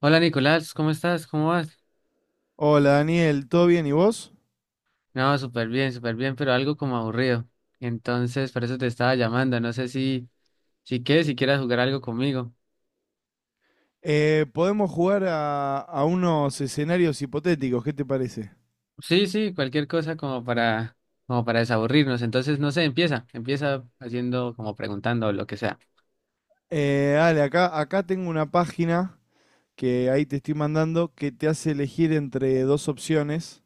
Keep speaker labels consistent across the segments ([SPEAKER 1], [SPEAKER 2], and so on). [SPEAKER 1] Hola Nicolás, ¿cómo estás? ¿Cómo vas?
[SPEAKER 2] Hola Daniel, ¿todo bien y vos?
[SPEAKER 1] No, súper bien, pero algo como aburrido. Entonces, por eso te estaba llamando. No sé si, si quieres, si quieras jugar algo conmigo.
[SPEAKER 2] Podemos jugar a unos escenarios hipotéticos, ¿qué te parece?
[SPEAKER 1] Sí, sí, cualquier cosa como para, como para desaburrirnos. Entonces, no sé, empieza haciendo como preguntando o lo que sea.
[SPEAKER 2] Dale, acá tengo una página que ahí te estoy mandando que te hace elegir entre dos opciones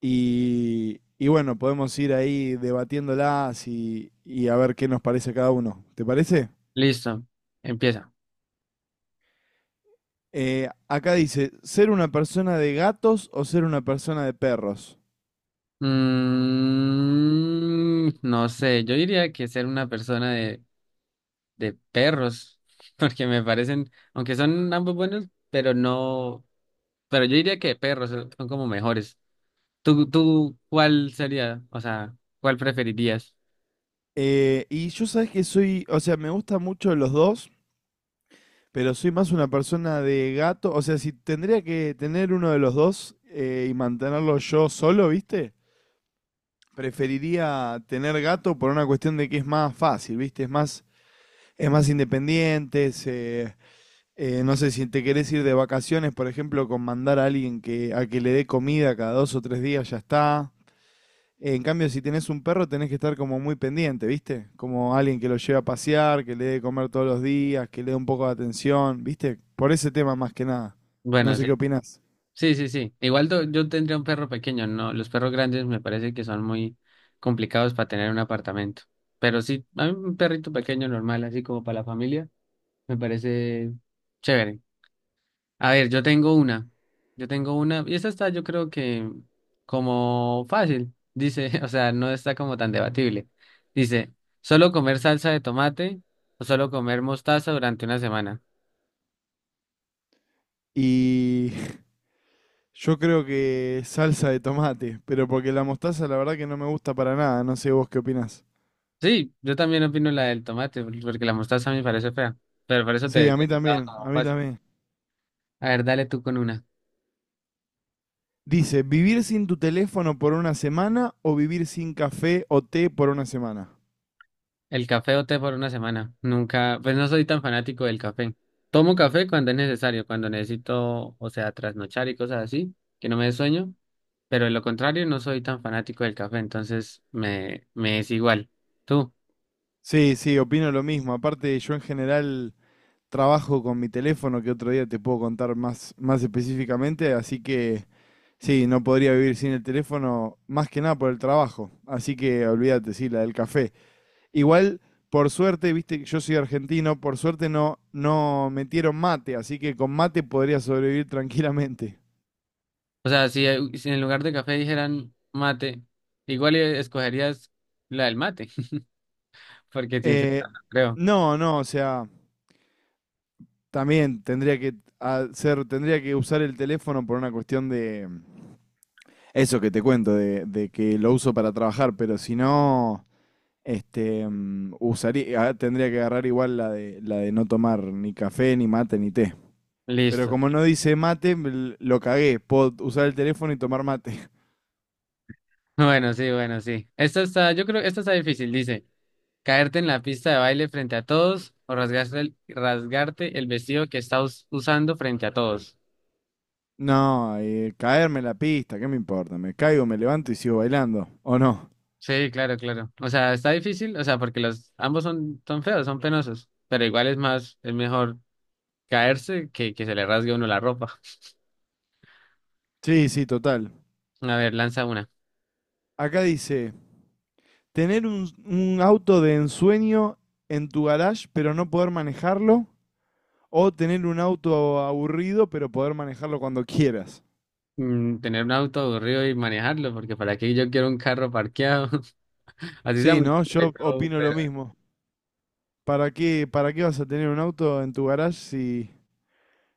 [SPEAKER 2] y bueno, podemos ir ahí debatiéndolas y a ver qué nos parece a cada uno. ¿Te parece?
[SPEAKER 1] Listo, empieza.
[SPEAKER 2] Acá dice, ¿ser una persona de gatos o ser una persona de perros?
[SPEAKER 1] No sé, yo diría que ser una persona de perros, porque me parecen, aunque son ambos buenos, pero no. Pero yo diría que perros son como mejores. ¿Tú, tú cuál sería? O sea, ¿cuál preferirías?
[SPEAKER 2] Y yo sabes que soy, o sea, me gustan mucho los dos, pero soy más una persona de gato. O sea, si tendría que tener uno de los dos y mantenerlo yo solo, ¿viste? Preferiría tener gato por una cuestión de que es más fácil, ¿viste? Es más independiente, no sé, si te querés ir de vacaciones, por ejemplo, con mandar a a que le dé comida cada dos o tres días, ya está. En cambio, si tenés un perro, tenés que estar como muy pendiente, ¿viste? Como alguien que lo lleve a pasear, que le dé de comer todos los días, que le dé un poco de atención, ¿viste? Por ese tema más que nada. No
[SPEAKER 1] Bueno,
[SPEAKER 2] sé
[SPEAKER 1] sí.
[SPEAKER 2] qué opinás.
[SPEAKER 1] Sí, sí, sí. Igual yo tendría un perro pequeño, no. Los perros grandes me parece que son muy complicados para tener en un apartamento. Pero sí, a mí un perrito pequeño normal, así como para la familia, me parece chévere. A ver, yo tengo una. Yo tengo una. Y esta está, yo creo que como fácil. Dice, o sea, no está como tan debatible. Dice, ¿solo comer salsa de tomate o solo comer mostaza durante una semana?
[SPEAKER 2] Y yo creo que salsa de tomate, pero porque la mostaza la verdad que no me gusta para nada, no sé vos qué opinás.
[SPEAKER 1] Sí, yo también opino la del tomate, porque la mostaza a mí me parece fea. Pero por eso te
[SPEAKER 2] Sí, a
[SPEAKER 1] decía
[SPEAKER 2] mí
[SPEAKER 1] que estaba
[SPEAKER 2] también,
[SPEAKER 1] como
[SPEAKER 2] a mí
[SPEAKER 1] fácil.
[SPEAKER 2] también.
[SPEAKER 1] A ver, dale tú con una.
[SPEAKER 2] Dice, ¿vivir sin tu teléfono por una semana o vivir sin café o té por una semana?
[SPEAKER 1] El café o té por una semana. Nunca, pues no soy tan fanático del café. Tomo café cuando es necesario, cuando necesito, o sea, trasnochar y cosas así, que no me dé sueño. Pero de lo contrario, no soy tan fanático del café, entonces me es igual. Tú,
[SPEAKER 2] Sí, sí, opino lo mismo. Aparte, yo en general trabajo con mi teléfono que otro día te puedo contar más, más específicamente, así que sí, no podría vivir sin el teléfono más que nada por el trabajo, así que olvídate, sí, la del café. Igual, por suerte, viste, que yo soy argentino, por suerte no, no metieron mate, así que con mate podría sobrevivir tranquilamente.
[SPEAKER 1] o sea, si, si en lugar de café dijeran mate, igual escogerías la del mate, porque sin ser
[SPEAKER 2] Eh,
[SPEAKER 1] tan- creo.
[SPEAKER 2] no, no, o sea, también tendría que usar el teléfono por una cuestión de… Eso que te cuento, de que lo uso para trabajar, pero si no, tendría que agarrar igual la de no tomar ni café, ni mate, ni té. Pero
[SPEAKER 1] Listo.
[SPEAKER 2] como no dice mate, lo cagué. Puedo usar el teléfono y tomar mate.
[SPEAKER 1] Bueno, sí, bueno, sí. Esta está, yo creo que esta está difícil. Dice, caerte en la pista de baile frente a todos o rasgarte el vestido que estás usando frente a todos.
[SPEAKER 2] No, caerme la pista, ¿qué me importa? Me caigo, me levanto y sigo bailando. ¿O no?
[SPEAKER 1] Sí, claro, claro. O sea, está difícil, o sea, porque los ambos son, son feos, son penosos, pero igual es más, es mejor. Caerse, que se le rasgue a uno la ropa.
[SPEAKER 2] Sí, sí, total.
[SPEAKER 1] A ver, lanza una.
[SPEAKER 2] Acá dice, tener un auto de ensueño en tu garage pero no poder manejarlo. O tener un auto aburrido pero poder manejarlo cuando quieras.
[SPEAKER 1] Tener un auto aburrido y manejarlo, porque para qué yo quiero un carro parqueado. Así sea
[SPEAKER 2] Sí,
[SPEAKER 1] muy
[SPEAKER 2] ¿no?
[SPEAKER 1] chiquito y
[SPEAKER 2] Yo
[SPEAKER 1] todo,
[SPEAKER 2] opino lo
[SPEAKER 1] pero...
[SPEAKER 2] mismo. ¿Para qué vas a tener un auto en tu garage si,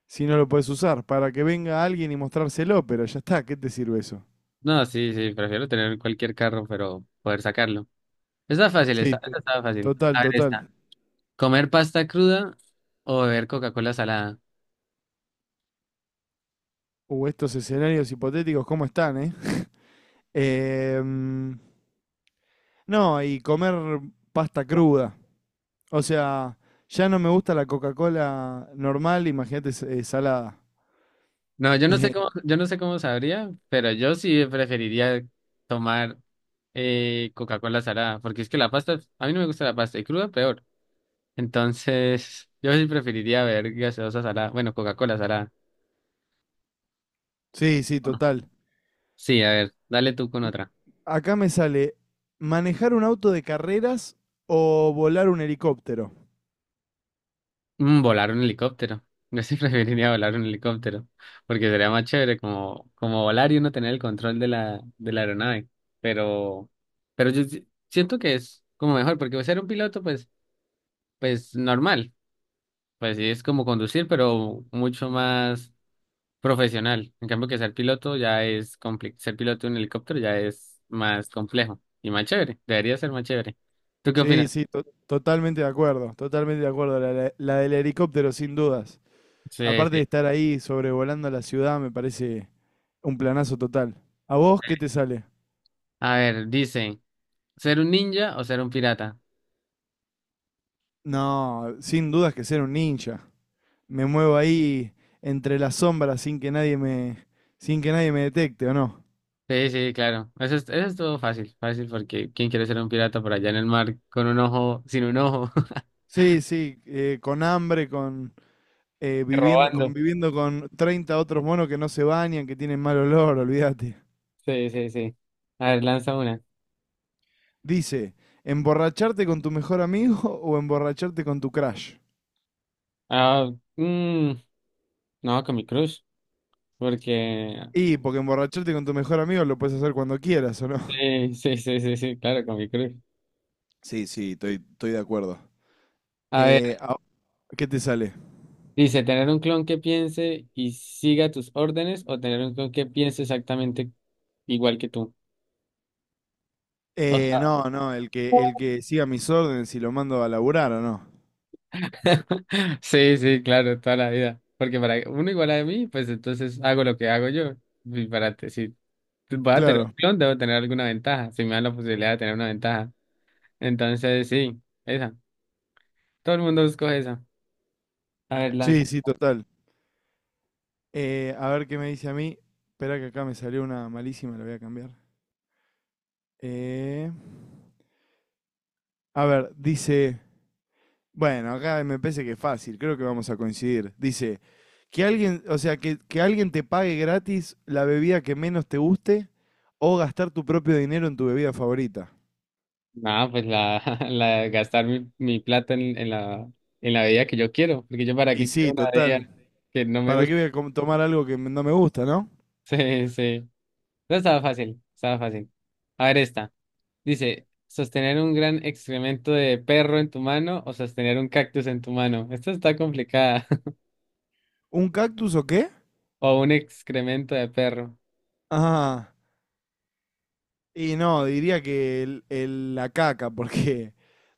[SPEAKER 2] si no lo puedes usar? Para que venga alguien y mostrárselo, pero ya está, ¿qué te sirve eso?
[SPEAKER 1] No, sí, sí, prefiero tener cualquier carro, pero poder sacarlo. Está fácil,
[SPEAKER 2] Sí,
[SPEAKER 1] está, está fácil.
[SPEAKER 2] total,
[SPEAKER 1] A ver, está.
[SPEAKER 2] total.
[SPEAKER 1] ¿Comer pasta cruda o beber Coca-Cola salada?
[SPEAKER 2] Estos escenarios hipotéticos, ¿cómo están, eh? Em, no, y comer pasta cruda. O sea, ya no me gusta la Coca-Cola normal, imagínate salada.
[SPEAKER 1] No, yo no sé cómo, yo no sé cómo sabría, pero yo sí preferiría tomar Coca-Cola salada, porque es que la pasta, a mí no me gusta la pasta, y cruda peor. Entonces, yo sí preferiría ver gaseosa salada, bueno, Coca-Cola salada.
[SPEAKER 2] Sí, sí,
[SPEAKER 1] Bueno,
[SPEAKER 2] total.
[SPEAKER 1] sí, a ver, dale tú con otra.
[SPEAKER 2] Acá me sale manejar un auto de carreras o volar un helicóptero.
[SPEAKER 1] Volar un helicóptero. Yo sí preferiría volar un helicóptero, porque sería más chévere como, como volar y uno tener el control de la aeronave. Pero, pero yo siento que es como mejor, porque ser un piloto, pues, pues normal. Pues sí, es como conducir, pero mucho más profesional. En cambio que ser piloto ya es complicado. Ser piloto de un helicóptero ya es más complejo y más chévere. Debería ser más chévere. ¿Tú qué
[SPEAKER 2] Sí,
[SPEAKER 1] opinas?
[SPEAKER 2] sí, totalmente de acuerdo, totalmente de acuerdo. La del helicóptero, sin dudas.
[SPEAKER 1] Sí,
[SPEAKER 2] Aparte
[SPEAKER 1] sí.
[SPEAKER 2] de estar ahí sobrevolando la ciudad, me parece un planazo total. ¿A vos qué te sale?
[SPEAKER 1] A ver, dice, ¿ser un ninja o ser un pirata?
[SPEAKER 2] No, sin dudas que ser un ninja. Me muevo ahí entre las sombras sin que nadie me detecte, ¿o no?
[SPEAKER 1] Sí, sí, claro. Eso es todo fácil, fácil porque ¿quién quiere ser un pirata por allá en el mar con un ojo, sin un ojo?
[SPEAKER 2] Sí, sí, con hambre, con
[SPEAKER 1] Y robando.
[SPEAKER 2] conviviendo con 30 otros monos que no se bañan, que tienen mal olor, olvídate.
[SPEAKER 1] Sí, sí, sí. A ver, lanza una.
[SPEAKER 2] Dice, ¿emborracharte con tu mejor amigo o emborracharte con tu crush?
[SPEAKER 1] Ah, mm, no, con mi crush, porque...
[SPEAKER 2] Y porque emborracharte con tu mejor amigo lo puedes hacer cuando quieras, ¿o no?
[SPEAKER 1] Sí, sí, sí, sí, sí, claro, con mi crush.
[SPEAKER 2] Sí, sí, estoy de acuerdo.
[SPEAKER 1] A ver.
[SPEAKER 2] Eh, ah, ¿Qué te sale?
[SPEAKER 1] Dice, tener un clon que piense y siga tus órdenes o tener un clon que piense exactamente igual que tú. O sea,
[SPEAKER 2] No, no, el que siga mis órdenes y lo mando a laburar, ¿o no?
[SPEAKER 1] sí, sí, claro, toda la vida. Porque para uno igual a mí, pues entonces hago lo que hago yo. Y si voy a tener un
[SPEAKER 2] Claro.
[SPEAKER 1] clon, debo tener alguna ventaja. Si me dan la posibilidad de tener una ventaja. Entonces, sí, esa. Todo el mundo escoge esa. A ver, lanza.
[SPEAKER 2] Sí, sí, total. A ver qué me dice a mí. Espera que acá me salió una malísima, la voy a cambiar. Eh, a ver, dice, bueno, acá me parece que es fácil, creo que vamos a coincidir. Dice, que alguien te pague gratis la bebida que menos te guste o gastar tu propio dinero en tu bebida favorita.
[SPEAKER 1] No, pues la, la de gastar mi, mi plata en la bebida que yo quiero. Porque yo para
[SPEAKER 2] Y
[SPEAKER 1] qué quiero
[SPEAKER 2] sí,
[SPEAKER 1] una
[SPEAKER 2] total.
[SPEAKER 1] bebida que no me
[SPEAKER 2] ¿Para qué
[SPEAKER 1] gusta.
[SPEAKER 2] voy a tomar algo que no me gusta, no?
[SPEAKER 1] Sí, sí. No estaba fácil, estaba fácil. A ver esta. Dice, sostener un gran excremento de perro en tu mano o sostener un cactus en tu mano. Esta está complicada.
[SPEAKER 2] ¿Un cactus o qué?
[SPEAKER 1] O un excremento de perro.
[SPEAKER 2] Ah, y no, diría que la caca, porque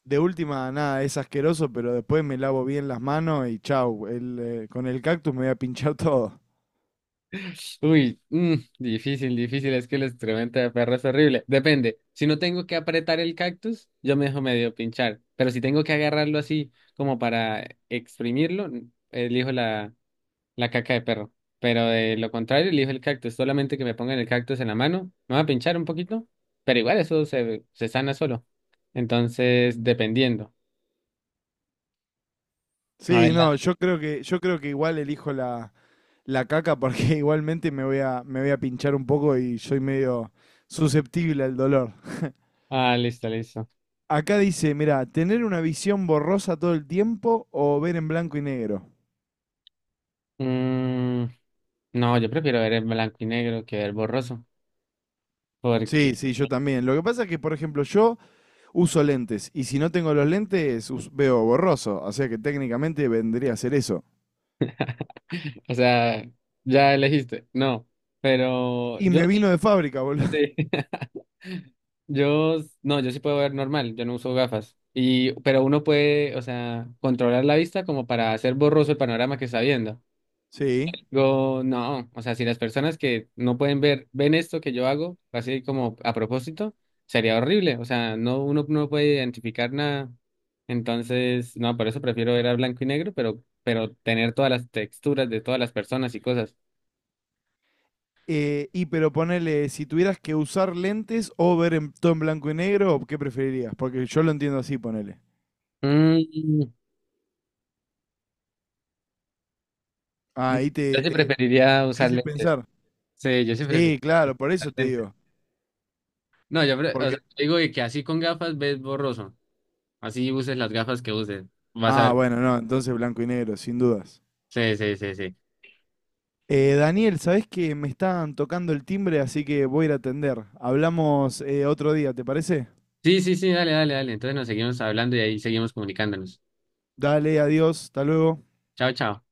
[SPEAKER 2] de última, nada, es asqueroso, pero después me lavo bien las manos y chau. Con el cactus me voy a pinchar todo.
[SPEAKER 1] Uy, difícil, difícil. Es que el excremento de perro es horrible. Depende. Si no tengo que apretar el cactus, yo me dejo medio pinchar. Pero si tengo que agarrarlo así como para exprimirlo, elijo la la caca de perro. Pero de lo contrario, elijo el cactus. Solamente que me pongan el cactus en la mano. Me va a pinchar un poquito. Pero igual eso se, se sana solo. Entonces, dependiendo. A ver,
[SPEAKER 2] Sí,
[SPEAKER 1] la-
[SPEAKER 2] no, yo creo que igual la caca porque igualmente me voy a pinchar un poco y soy medio susceptible al dolor.
[SPEAKER 1] ah, listo, listo.
[SPEAKER 2] Acá dice, mira, tener una visión borrosa todo el tiempo o ver en blanco y negro.
[SPEAKER 1] Mm, no, yo prefiero ver en blanco y negro que ver borroso.
[SPEAKER 2] Sí,
[SPEAKER 1] Porque,
[SPEAKER 2] sí, yo también. Lo que pasa es que, por ejemplo, yo uso lentes y si no tengo los lentes veo borroso, o sea que técnicamente vendría a ser eso.
[SPEAKER 1] o sea, ya elegiste. No. Pero
[SPEAKER 2] Y
[SPEAKER 1] yo
[SPEAKER 2] me vino
[SPEAKER 1] sí.
[SPEAKER 2] de fábrica, boludo.
[SPEAKER 1] Sí. Yo, no, yo sí puedo ver normal, yo no uso gafas. Y, pero uno puede, o sea, controlar la vista como para hacer borroso el panorama que está viendo.
[SPEAKER 2] Sí.
[SPEAKER 1] Yo, no, o sea, si las personas que no pueden ver, ven esto que yo hago, así como a propósito, sería horrible. O sea, no, uno no puede identificar nada. Entonces, no, por eso prefiero ver a blanco y negro, pero tener todas las texturas de todas las personas y cosas.
[SPEAKER 2] Y pero ponele, si tuvieras que usar lentes o todo en blanco y negro, ¿qué preferirías? Porque yo lo entiendo así, ponele.
[SPEAKER 1] Mm, mm,
[SPEAKER 2] Ah,
[SPEAKER 1] yo sí preferiría
[SPEAKER 2] te
[SPEAKER 1] usar
[SPEAKER 2] hice
[SPEAKER 1] lentes.
[SPEAKER 2] pensar.
[SPEAKER 1] Sí, yo sí preferiría
[SPEAKER 2] Sí, claro, por eso
[SPEAKER 1] usar
[SPEAKER 2] te
[SPEAKER 1] lentes.
[SPEAKER 2] digo.
[SPEAKER 1] No, o
[SPEAKER 2] Porque,
[SPEAKER 1] sea, digo que así con gafas ves borroso. Así uses las gafas que uses. Vas a ver.
[SPEAKER 2] bueno, no, entonces blanco y negro, sin dudas.
[SPEAKER 1] Sí, sí, sí, sí.
[SPEAKER 2] Daniel, sabés que me están tocando el timbre, así que voy a ir a atender. Hablamos otro día, ¿te parece?
[SPEAKER 1] Sí, sí, sí, dale, dale, dale. Entonces nos seguimos hablando y ahí seguimos comunicándonos.
[SPEAKER 2] Dale, adiós, hasta luego.
[SPEAKER 1] Chao, chao.